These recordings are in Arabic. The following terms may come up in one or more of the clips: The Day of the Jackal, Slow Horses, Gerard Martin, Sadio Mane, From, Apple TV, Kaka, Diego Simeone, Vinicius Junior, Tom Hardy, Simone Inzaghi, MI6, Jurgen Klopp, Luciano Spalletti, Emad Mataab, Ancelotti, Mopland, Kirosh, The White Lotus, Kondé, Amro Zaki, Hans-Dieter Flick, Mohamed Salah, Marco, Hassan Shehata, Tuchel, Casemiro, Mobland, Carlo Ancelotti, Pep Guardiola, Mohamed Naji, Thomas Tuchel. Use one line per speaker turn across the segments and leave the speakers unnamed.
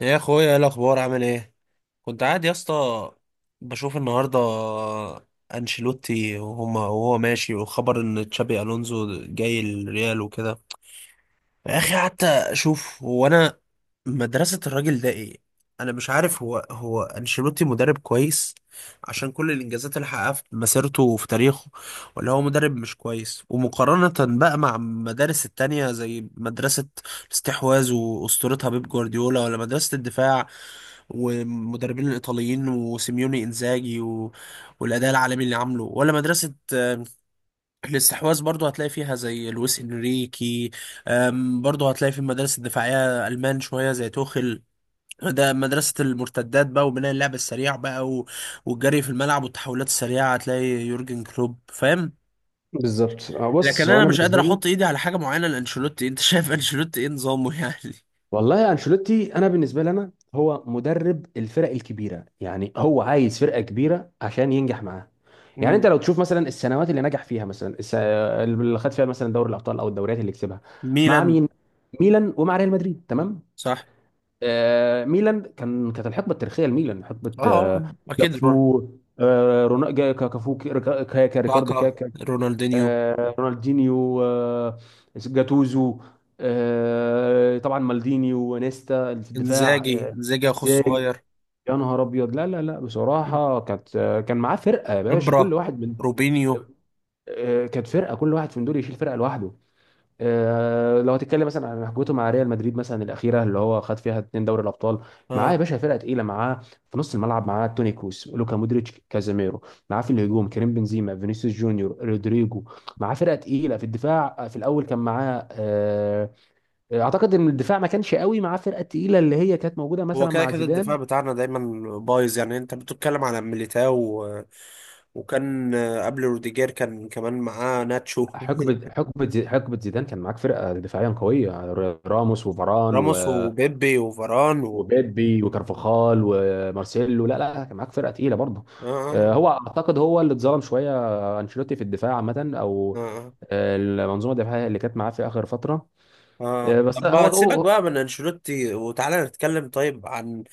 يا اخويا، ايه الاخبار؟ عامل ايه؟ كنت قاعد يا اسطى بشوف النهارده انشيلوتي وهما، وهو ماشي، وخبر ان تشابي الونزو جاي الريال وكده. يا اخي قعدت اشوف، هو انا مدرسه الراجل ده ايه؟ انا مش عارف، هو انشيلوتي مدرب كويس عشان كل الانجازات اللي حققها في مسيرته وفي تاريخه، ولا هو مدرب مش كويس؟ ومقارنه بقى مع المدارس التانية زي مدرسه الاستحواذ واسطورتها بيب جوارديولا، ولا مدرسه الدفاع والمدربين الايطاليين وسيميوني انزاجي والاداء العالمي اللي عامله، ولا مدرسه الاستحواذ؟ برضو هتلاقي فيها زي لويس انريكي. برضو هتلاقي في المدارس الدفاعيه المان شويه زي توخيل، ده مدرسة المرتدات بقى وبناء اللعب السريع بقى والجري في الملعب والتحولات السريعة، هتلاقي يورجن كلوب فاهم.
بالظبط،
لكن
بص. هو
انا
انا
مش قادر
بالنسبه لي،
احط ايدي على حاجة معينة لانشيلوتي. انت شايف انشيلوتي ايه نظامه يعني؟
والله انشيلوتي، انا بالنسبه لي هو مدرب الفرق الكبيره. يعني هو عايز فرقه كبيره عشان ينجح معاها. يعني
مم.
انت لو تشوف مثلا السنوات اللي نجح فيها، مثلا اللي خد فيها مثلا دوري الابطال، او الدوريات اللي كسبها مع
ميلان.
مين؟ ميلان ومع ريال مدريد، تمام.
صح.
آه، ميلان، كانت الحقبه التاريخيه لميلان حقبه،
اه، اكيد
كافو، رونالدو، كافو، ريكاردو،
كاكا. رونالدينيو.
رونالدينيو، جاتوزو، طبعا مالديني وانيستا اللي في الدفاع.
انزاجي.
آه،
انزاجي اخو
زاج
الصغير.
يا نهار ابيض لا لا لا، بصراحه كانت، كان معاه فرقه يا باشا،
خبرة.
كل واحد من،
روبينيو.
كانت فرقه، كل واحد من دول يشيل فرقه لوحده. لو هتتكلم مثلا عن حجته مع ريال مدريد، مثلا الاخيره اللي هو خد فيها اتنين دوري الابطال، معاه يا
اه.
باشا فرقه تقيله. معاه في نص الملعب معاه توني كروس، لوكا مودريتش، كازاميرو. معاه في الهجوم كريم بنزيما، فينيسيوس جونيور، رودريجو. معاه فرقه تقيله في الدفاع. في الاول كان معاه، اعتقد ان الدفاع ما كانش قوي. معاه فرقه تقيله اللي هي كانت موجوده
هو
مثلا
كده
مع
كده
زيدان.
الدفاع بتاعنا دايما بايظ، يعني انت بتتكلم على ميليتاو و... وكان قبل روديجير كان كمان معاه ناتشو
حقبه زيدان كان معاك فرقه دفاعيا قويه، راموس وفاران
راموس وبيبي وفاران
وبيبي
آه،
وكارفاخال ومارسيلو. لا لا، كان معاك فرقه تقيله برضه.
آه.
هو اعتقد هو اللي اتظلم شويه، انشيلوتي في الدفاع عامه،
آه،
او
آه.
المنظومه الدفاعيه اللي كانت معاه في اخر فتره. آه،
آه.
بس
طب
هو
ما تسيبك
هو-
بقى من انشيلوتي وتعالى نتكلم طيب عن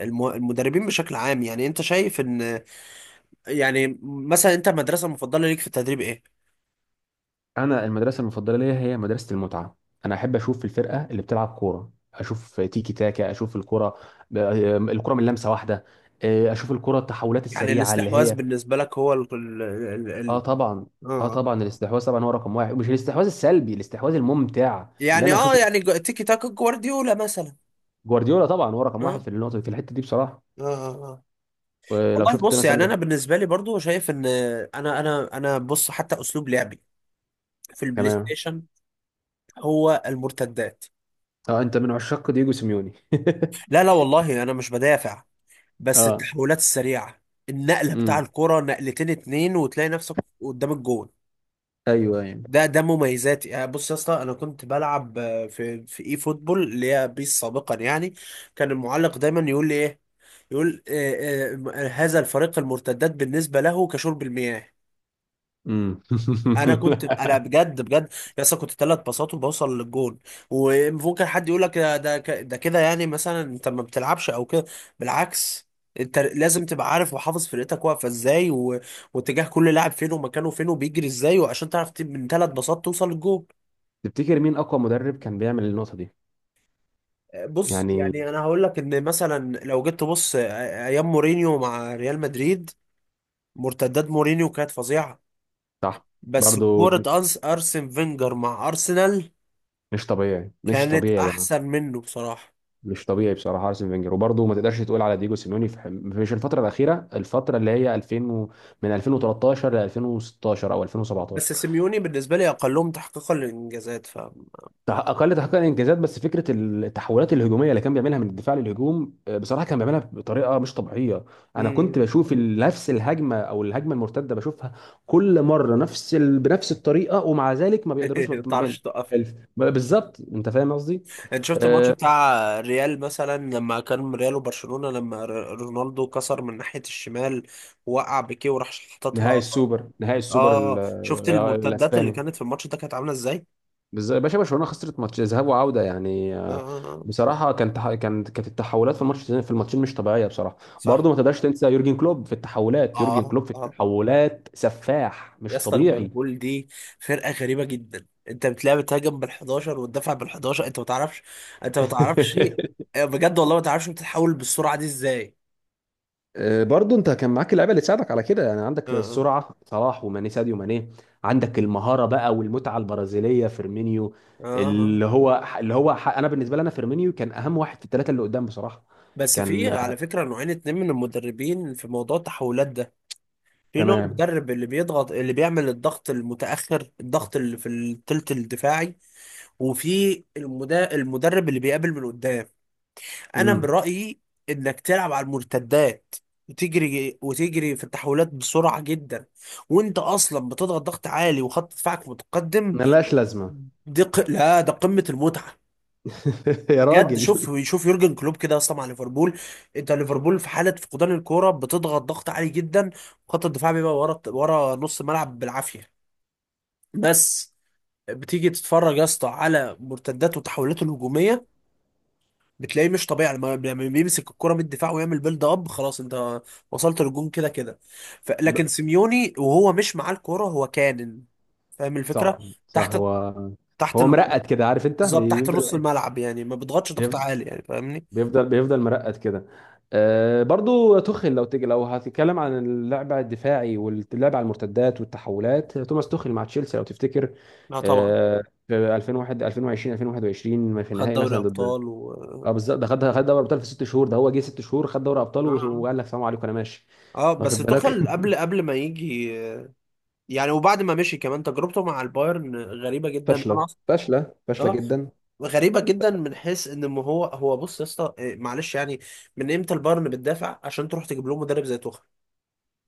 المدربين بشكل عام. يعني انت شايف ان، يعني مثلا، انت المدرسة المفضلة ليك في التدريب ايه؟
انا المدرسه المفضله ليا هي مدرسه المتعه. انا احب اشوف الفرقه اللي بتلعب كوره، اشوف تيكي تاكا، اشوف الكره الكره من لمسه واحده، اشوف الكره التحولات
يعني
السريعه اللي
الاستحواذ
هي.
بالنسبة لك هو ال ال ال
اه
ال
طبعا. اه
اه.
طبعا، الاستحواذ طبعا هو رقم واحد، مش الاستحواذ السلبي، الاستحواذ الممتع اللي
يعني
انا
اه،
اشوف.
يعني تيكي تاكا جوارديولا مثلا.
جوارديولا طبعا هو رقم واحد
اه.
في النقطه، في الحته دي بصراحه.
اه، اه، آه.
ولو
والله
شفت
بص، يعني
مثلا.
انا بالنسبة لي برضو شايف ان، انا بص، حتى اسلوب لعبي في البلاي
تمام.
ستيشن هو المرتدات.
اه، انت من عشاق دييجو سيميوني.
لا لا والله انا مش بدافع، بس
اه.
التحولات السريعة، النقلة بتاع
امم.
الكرة نقلتين اتنين وتلاقي نفسك قدام الجول.
ايوه يعني.
ده مميزاتي. يعني بص يا اسطى، انا كنت بلعب في اي فوتبول، اللي هي بيس سابقا يعني. كان المعلق دايما يقول لي ايه، يقول هذا الفريق المرتدات بالنسبه له كشرب المياه.
امم.
انا كنت، انا بجد بجد يا اسطى كنت 3 باصات وبوصل للجون. وممكن حد يقول لك ده كده، يعني مثلا انت ما بتلعبش او كده. بالعكس، انت لازم تبقى عارف وحافظ فرقتك واقفه ازاي واتجاه كل لاعب فين، ومكانه فين، وبيجري ازاي، وعشان تعرف من 3 باصات توصل للجون.
تفتكر مين اقوى مدرب كان بيعمل النقطه دي؟
بص،
يعني
يعني انا هقول لك ان مثلا لو جيت تبص ايام مورينيو مع ريال مدريد، مرتدات مورينيو كانت فظيعه.
صح،
بس
برضو
كوره أنس ارسن فينجر مع ارسنال
مش طبيعي، مش
كانت
طبيعي يا جماعه،
احسن منه بصراحه.
مش طبيعي بصراحه ارسن فينجر. وبرضه ما تقدرش تقول على ديجو سيميوني في، مش الفتره الاخيره، الفتره اللي هي 2000 و... من 2013 ل 2016 او 2017.
بس سيميوني بالنسبه لي اقلهم تحقيقا للانجازات، ف...
اقل تحقيقا انجازات، بس فكره التحولات الهجوميه اللي كان بيعملها من الدفاع للهجوم، بصراحه كان بيعملها بطريقه مش طبيعيه. انا كنت
مم.
بشوف نفس الهجمه، او الهجمه المرتده بشوفها كل مره بنفس الطريقه، ومع ذلك ما بيقدروش، ما
ما
بت- ما بال-
تعرفش توقف.
ما- بالظبط، انت فاهم قصدي.
انت شفت الماتش
آه،
بتاع ريال مثلا لما كان ريال وبرشلونه، لما رونالدو كسر من ناحيه الشمال، وقع بيكيه وراح
نهائي
حططها؟
السوبر، نهائي السوبر ال-
اه شفت
آه،
المرتدات اللي
الاسباني.
كانت في الماتش ده كانت عامله ازاي؟
بس يا باشا برشلونه خسرت ماتش ذهاب وعوده يعني،
اه، آه، آه.
بصراحه كانت التحولات في الماتش، في الماتشين، مش طبيعيه بصراحه.
صح.
برضه ما تقدرش تنسى يورجن كلوب في التحولات، يورجن
اه،
كلوب في
اه، آه.
التحولات سفاح
يا
مش
اسطى
طبيعي.
ليفربول دي فرقه غريبه جدا. انت بتلاعب، بتهاجم بال11 وتدافع بال11. انت ما تعرفش، انت ما تعرفش، بجد والله ما تعرفش بتتحول بالسرعه دي ازاي.
برضه انت كان معاك اللعيبه اللي تساعدك على كده، يعني عندك
اه،
السرعه صلاح، وماني، ساديو ماني، عندك المهاره بقى والمتعه البرازيليه فيرمينيو
اه، آه.
اللي هو، انا بالنسبه لي، انا فيرمينيو كان اهم واحد في الثلاثه اللي قدام بصراحه.
بس في
كان
على فكره نوعين اتنين من المدربين في موضوع التحولات ده. في نوع
تمام.
مدرب اللي بيضغط، اللي بيعمل الضغط المتاخر، الضغط اللي في الثلث الدفاعي، وفي المدرب اللي بيقابل من قدام. انا من
امم.
رأيي انك تلعب على المرتدات، وتجري وتجري في التحولات بسرعة جدا، وانت اصلا بتضغط ضغط عالي وخط دفاعك متقدم.
ملهاش لازمه.
لا، ده قمة المتعة.
يا
بجد
راجل.
شوف، شوف يورجن كلوب كده اصلا مع ليفربول. انت ليفربول في حالة فقدان الكورة بتضغط ضغط عالي جدا، وخط الدفاع بيبقى ورا، نص الملعب بالعافية. بس بتيجي تتفرج يا اسطى على مرتدات وتحولات الهجومية بتلاقيه مش طبيعي. لما بيمسك الكرة من الدفاع ويعمل بيلد اب، خلاص انت وصلت للجون كده كده. لكن
ب-
سيميوني وهو مش معاه الكرة هو كانن فاهم
صح،
الفكرة.
صح،
تحت،
هو
تحت
هو
ال-
مرقد كده، عارف، انت
بالظبط تحت نص
بيفضل
الملعب، يعني ما بيضغطش ضغط
بيفضل
عالي، يعني فاهمني.
بيفضل مرقد كده. آه برضو توخيل، لو تيجي لو هتتكلم عن اللعب الدفاعي واللعب على المرتدات والتحولات، توماس توخيل مع تشيلسي لو تفتكر.
لا طبعا.
آه في 2001، 2020، 2021، في
خد
النهائي
دوري
مثلا ضد.
ابطال و...
اه بالظبط، ده خد دوري ابطال في ست شهور. ده هو جه ست شهور، خد دوري ابطال،
اه،
وقال لك سلام عليكم انا ماشي.
بس
واخد بالك؟
توخل قبل ما يجي يعني، وبعد ما مشي كمان تجربته مع البايرن غريبة جدا. انا
فاشله
اه،
جدا.
غريبة جدا، من حيث ان، ما هو بص يا اسطى، معلش يعني، من امتى البايرن بتدافع عشان تروح تجيب لهم مدرب زي توخيل؟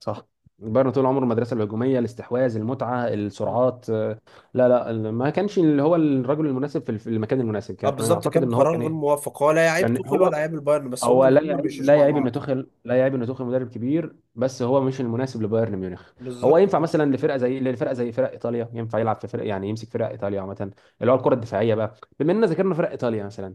صح، بايرن طول عمره المدرسه الهجوميه، الاستحواذ، المتعه،
مم.
السرعات. لا لا، ما كانش اللي هو الرجل المناسب في في المكان المناسب.
اه
كان
بالظبط،
يعتقد
كان
ان هو
قرار
كان
غير
إيه،
موفق. هو لا يعيب
يعني
توخيل
هو
ولا يعيب البايرن، بس هما
هو لا
الاثنين ما
يعيب،
بيمشوش
لا
مع
يعيب ان
بعض.
توخيل لا يعيب ان توخيل مدرب كبير، بس هو مش المناسب لبايرن ميونخ. هو
بالظبط،
ينفع
اه.
مثلا لفرقه زي فرق ايطاليا، ينفع يلعب في فرق، يعني يمسك فرق ايطاليا عامه، اللي هو الكره الدفاعيه بقى. بما اننا ذكرنا فرق ايطاليا مثلا،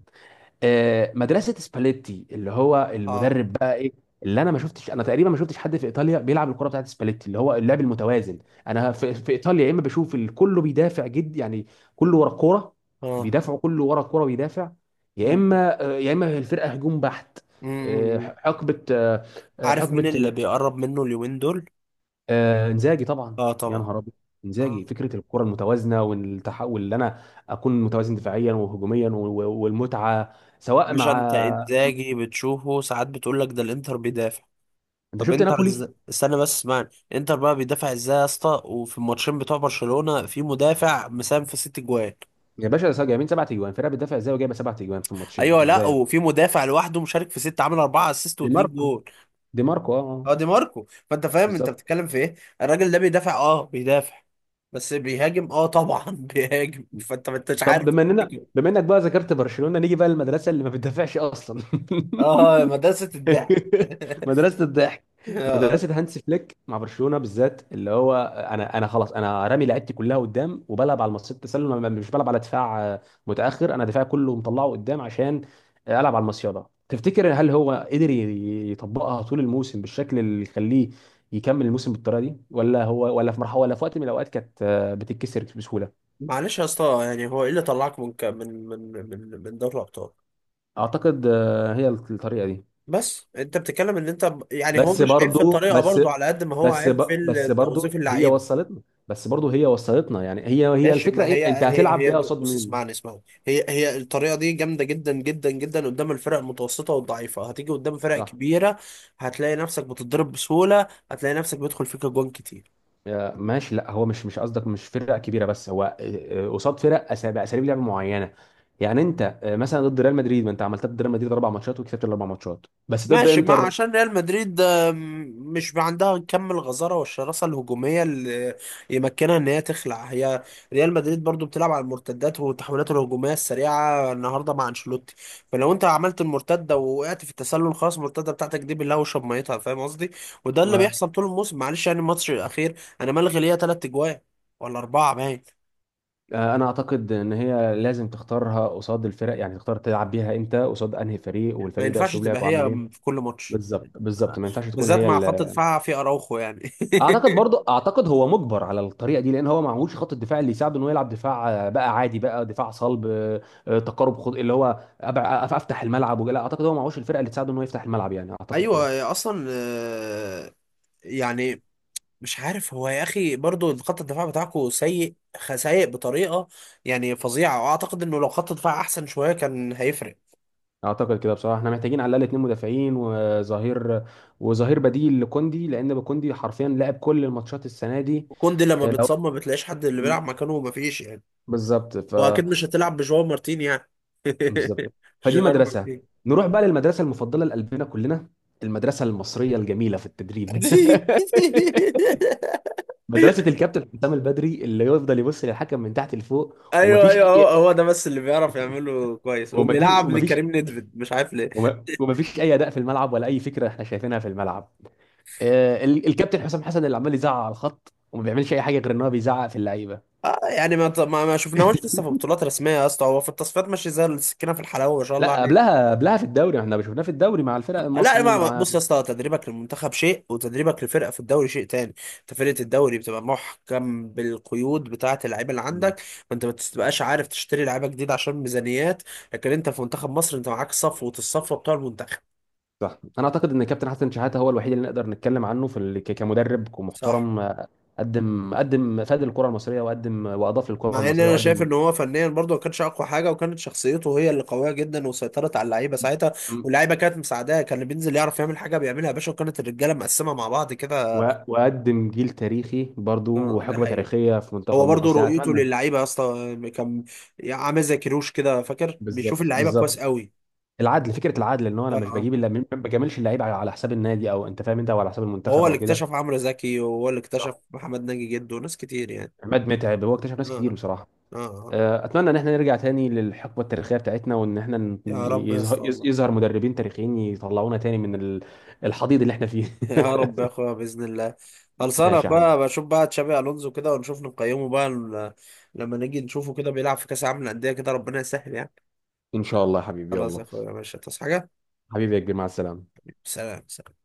مدرسه سباليتي، اللي هو
اه،
المدرب بقى ايه، اللي انا ما شفتش، انا تقريبا ما شفتش حد في ايطاليا بيلعب الكره بتاعت سباليتي اللي هو اللعب المتوازن. انا في ايطاليا، يا اما بشوف كله بيدافع جد يعني، كله ورا الكوره،
اه.
بيدافعوا كله ورا الكوره بيدافع، يا
مم.
اما، يا اما الفرقه هجوم بحت.
مم.
آه،
مم.
حقبه آه، آه،
عارف مين
حقبه
اللي
ال-
بيقرب منه اليومين دول؟
آه، انزاجي طبعا،
اه
يا
طبعا.
نهار ابيض.
اه،
انزاجي، فكره الكره المتوازنه والتحول، اللي انا اكون متوازن دفاعيا وهجوميا، والمتعه، سواء
عشان انت
مع.
انزاجي بتشوفه ساعات بتقول لك ده الانتر بيدافع.
انت
طب
شفت
انتر
نابولي؟
استنى بس اسمعني. انتر بقى بيدافع ازاي يا اسطى؟ وفي الماتشين بتوع برشلونة في مدافع مساهم في 6 جوان؟
يا باشا، جايبين سبع تجوان، فرقه بتدافع ازاي وجايبه سبع تجوان في الماتشين
ايوه،
ازاي
لا،
يعني؟
وفي مدافع لوحده مشارك في ست، عامل 4 اسيست
دي
واتنين
ماركو،
جول.
دي ماركو، اه،
اه دي ماركو، فانت فاهم انت
بالظبط.
بتتكلم في ايه؟ الراجل ده بيدافع؟ اه بيدافع. بس بيهاجم اه طبعا. بيهاجم، فانت ما انتش عارف.
طب بما اننا
تفتكر.
بما انك بقى ذكرت برشلونه، نيجي بقى للمدرسه اللي ما بتدافعش اصلا.
اه، مدرسة الضحك.
مدرسة الضحك.
اه.
مدرسة هانس فليك مع برشلونة بالذات، اللي هو، انا، خلاص انا رامي لعبتي كلها قدام، وبلعب على مصيدة التسلل، مش بلعب على دفاع، متأخر. انا دفاعي كله مطلعه قدام عشان العب على المصيدة. تفتكر هل هو قدر يطبقها طول الموسم بالشكل اللي يخليه يكمل الموسم بالطريقة دي، ولا هو، ولا في مرحلة، ولا في وقت من الاوقات كانت، بتتكسر بسهولة؟
معلش يا اسطى، يعني هو ايه اللي طلعك من ك- من من من من دوري الابطال؟
اعتقد هي الطريقة دي.
بس انت بتتكلم ان انت، يعني هو
بس
مش عيب في
برضو
الطريقه
بس
برضو على قد ما هو
بس
عيب
ب-
في
بس برضو
توظيف
هي
اللعيبه.
وصلتنا بس برضو هي وصلتنا، يعني هي
ماشي،
الفكره.
ما
ايه
هي
انت
هي
هتلعب بيها
هي
قصاد
بص
مين؟
اسمعني، اسمعني. هي الطريقه دي جامده جدا جدا جدا قدام الفرق المتوسطه والضعيفه، هتيجي قدام فرق
صح.
كبيره هتلاقي نفسك بتتضرب بسهوله، هتلاقي نفسك بيدخل فيك اجوان كتير.
ماشي، لا هو مش، مش قصدك مش فرق كبيره، بس هو قصاد فرق، باساليب لعب معينه. يعني انت مثلا ضد ريال مدريد، ما انت عملتها ضد ريال مدريد اربع ماتشات، وكسبت الاربع ماتشات، بس ضد
ماشي ما
انتر،
عشان ريال مدريد مش عندها كم الغزارة والشراسة الهجومية اللي يمكنها ان هي تخلع. هي ريال مدريد برضو بتلعب على المرتدات والتحولات الهجومية السريعة النهاردة مع انشيلوتي، فلو انت عملت المرتدة ووقعت في التسلل خلاص، المرتدة بتاعتك دي بالله وشرب ميتها، فاهم قصدي؟ وده اللي
آه،
بيحصل طول الموسم. معلش يعني، الماتش الأخير انا ملغي ليا 3 اجوان ولا أربعة باين.
انا اعتقد ان هي لازم تختارها قصاد الفرق، يعني تختار تلعب بيها انت قصاد انهي فريق،
ما
والفريق ده
ينفعش
اسلوب
تبقى
لعبه عامل
هي
ايه.
في كل ماتش،
بالظبط بالظبط، ما ينفعش تكون
بالذات
هي
مع
ال.
خط دفاع في أراوخو يعني.
اعتقد برضه، اعتقد هو مجبر على الطريقه دي، لان هو ما معهوش خط الدفاع اللي يساعده انه يلعب دفاع بقى عادي، بقى دفاع صلب، تقارب. خد اللي هو افتح الملعب. ولا اعتقد هو ما معهوش الفرقه اللي تساعده انه يفتح الملعب، يعني اعتقد كده.
ايوه اصلا، يعني مش عارف، هو يا اخي برضو خط الدفاع بتاعكو سيء، سيء بطريقه يعني فظيعه، واعتقد انه لو خط الدفاع احسن شويه كان هيفرق.
اعتقد كده بصراحه. احنا محتاجين على الاقل اتنين مدافعين، وظهير، وظهير بديل لكوندي، لان كوندي حرفيا لعب كل الماتشات السنه دي.
كوندي لما
آه، لو
بيتصاب ما بتلاقيش حد اللي
م-
بيلعب مكانه، ومفيش يعني.
بالظبط، ف،
واكيد مش هتلعب بجواو مارتين يعني
بالظبط، فدي
جيرار
مدرسه.
مارتين.
نروح بقى للمدرسه المفضله لقلبنا كلنا، المدرسه المصريه الجميله في التدريب. مدرسة الكابتن حسام البدري، اللي يفضل يبص للحكم من تحت لفوق.
ايوه
ومفيش
ايوه، هو
أي،
هو ده بس اللي بيعرف يعمله كويس،
وما دي
وبيلعب
ومفيش
لكريم نيدفيد مش عارف.
وما ومفيش أي أداء في الملعب، ولا أي فكرة احنا شايفينها في الملعب. الكابتن حسام حسن اللي عمال يزعق على الخط، وما بيعملش أي حاجة غير إن هو بيزعق في اللعيبة.
آه يعني، ما شفناهوش لسه في بطولات رسميه يا اسطى، هو في التصفيات ماشي زي السكينه في الحلاوه ما شاء الله
لا،
عليه.
قبلها، قبلها في الدوري احنا شفناه، في الدوري مع الفرق
لا،
المصري ومع.
بص يا اسطى، تدريبك للمنتخب شيء، وتدريبك لفرقه في الدوري شيء تاني. انت فرقه الدوري بتبقى محكم بالقيود بتاعه اللعيبه اللي
مم.
عندك، فانت ما بتبقاش عارف تشتري لعيبه جديده عشان ميزانيات. لكن انت في منتخب مصر، انت معاك صفوه الصفوه بتوع المنتخب.
صح، انا اعتقد ان الكابتن حسن شحاته هو الوحيد اللي نقدر نتكلم عنه في كمدرب،
صح.
كمحترم، قدم، فاد الكره المصريه، وقدم واضاف
مع
للكره
ان
المصريه،
انا شايف
وقدم
ان هو فنيا برضه ما كانش اقوى حاجه، وكانت شخصيته هي اللي قويه جدا وسيطرت على اللعيبه ساعتها. واللعيبه كانت مساعداه، كان اللي بينزل يعرف يعمل حاجه بيعملها يا باشا، وكانت الرجاله مقسمه مع بعض كده.
واقدم جيل تاريخي برضو،
آه، ده
وحقبه
حقيقه.
تاريخيه في منتخب
هو برضه
مصر، يعني
رؤيته
اتمنى.
للعيبه يا اسطى كان عامل زي كيروش كده فاكر، بيشوف
بالظبط
اللعيبه كويس
بالظبط،
قوي.
العدل، فكره العدل ان هو،
اه،
انا مش
آه.
بجيب الا، ما بجاملش اللعيب على، على حساب النادي، او انت فاهم انت، او على حساب
هو
المنتخب
اللي
او كده.
اكتشف عمرو زكي، وهو اللي اكتشف
صح،
محمد ناجي جده، وناس كتير يعني.
عماد متعب، هو اكتشف ناس
اه،
كتير بصراحه.
اه، آه.
اتمنى ان احنا نرجع تاني للحقبه التاريخيه بتاعتنا، وان احنا ن-
يا رب يا اسطى
يظهر يظ-
والله.
يظهر مدربين تاريخيين يطلعونا تاني من الحضيض اللي احنا فيه.
يا رب يا اخويا باذن الله. خلصانه يا
ماشي يا حبيبي،
اخويا، بشوف بقى تشابي الونزو كده ونشوف نقيمه بقى لما نيجي نشوفه كده بيلعب في كاس العالم للانديه كده، ربنا يسهل يعني.
ان شاء الله يا حبيبي،
خلاص يا
يلا،
اخويا ماشي، تصحى حاجه.
حبيبي يا كبير، مع السلامه.
سلام.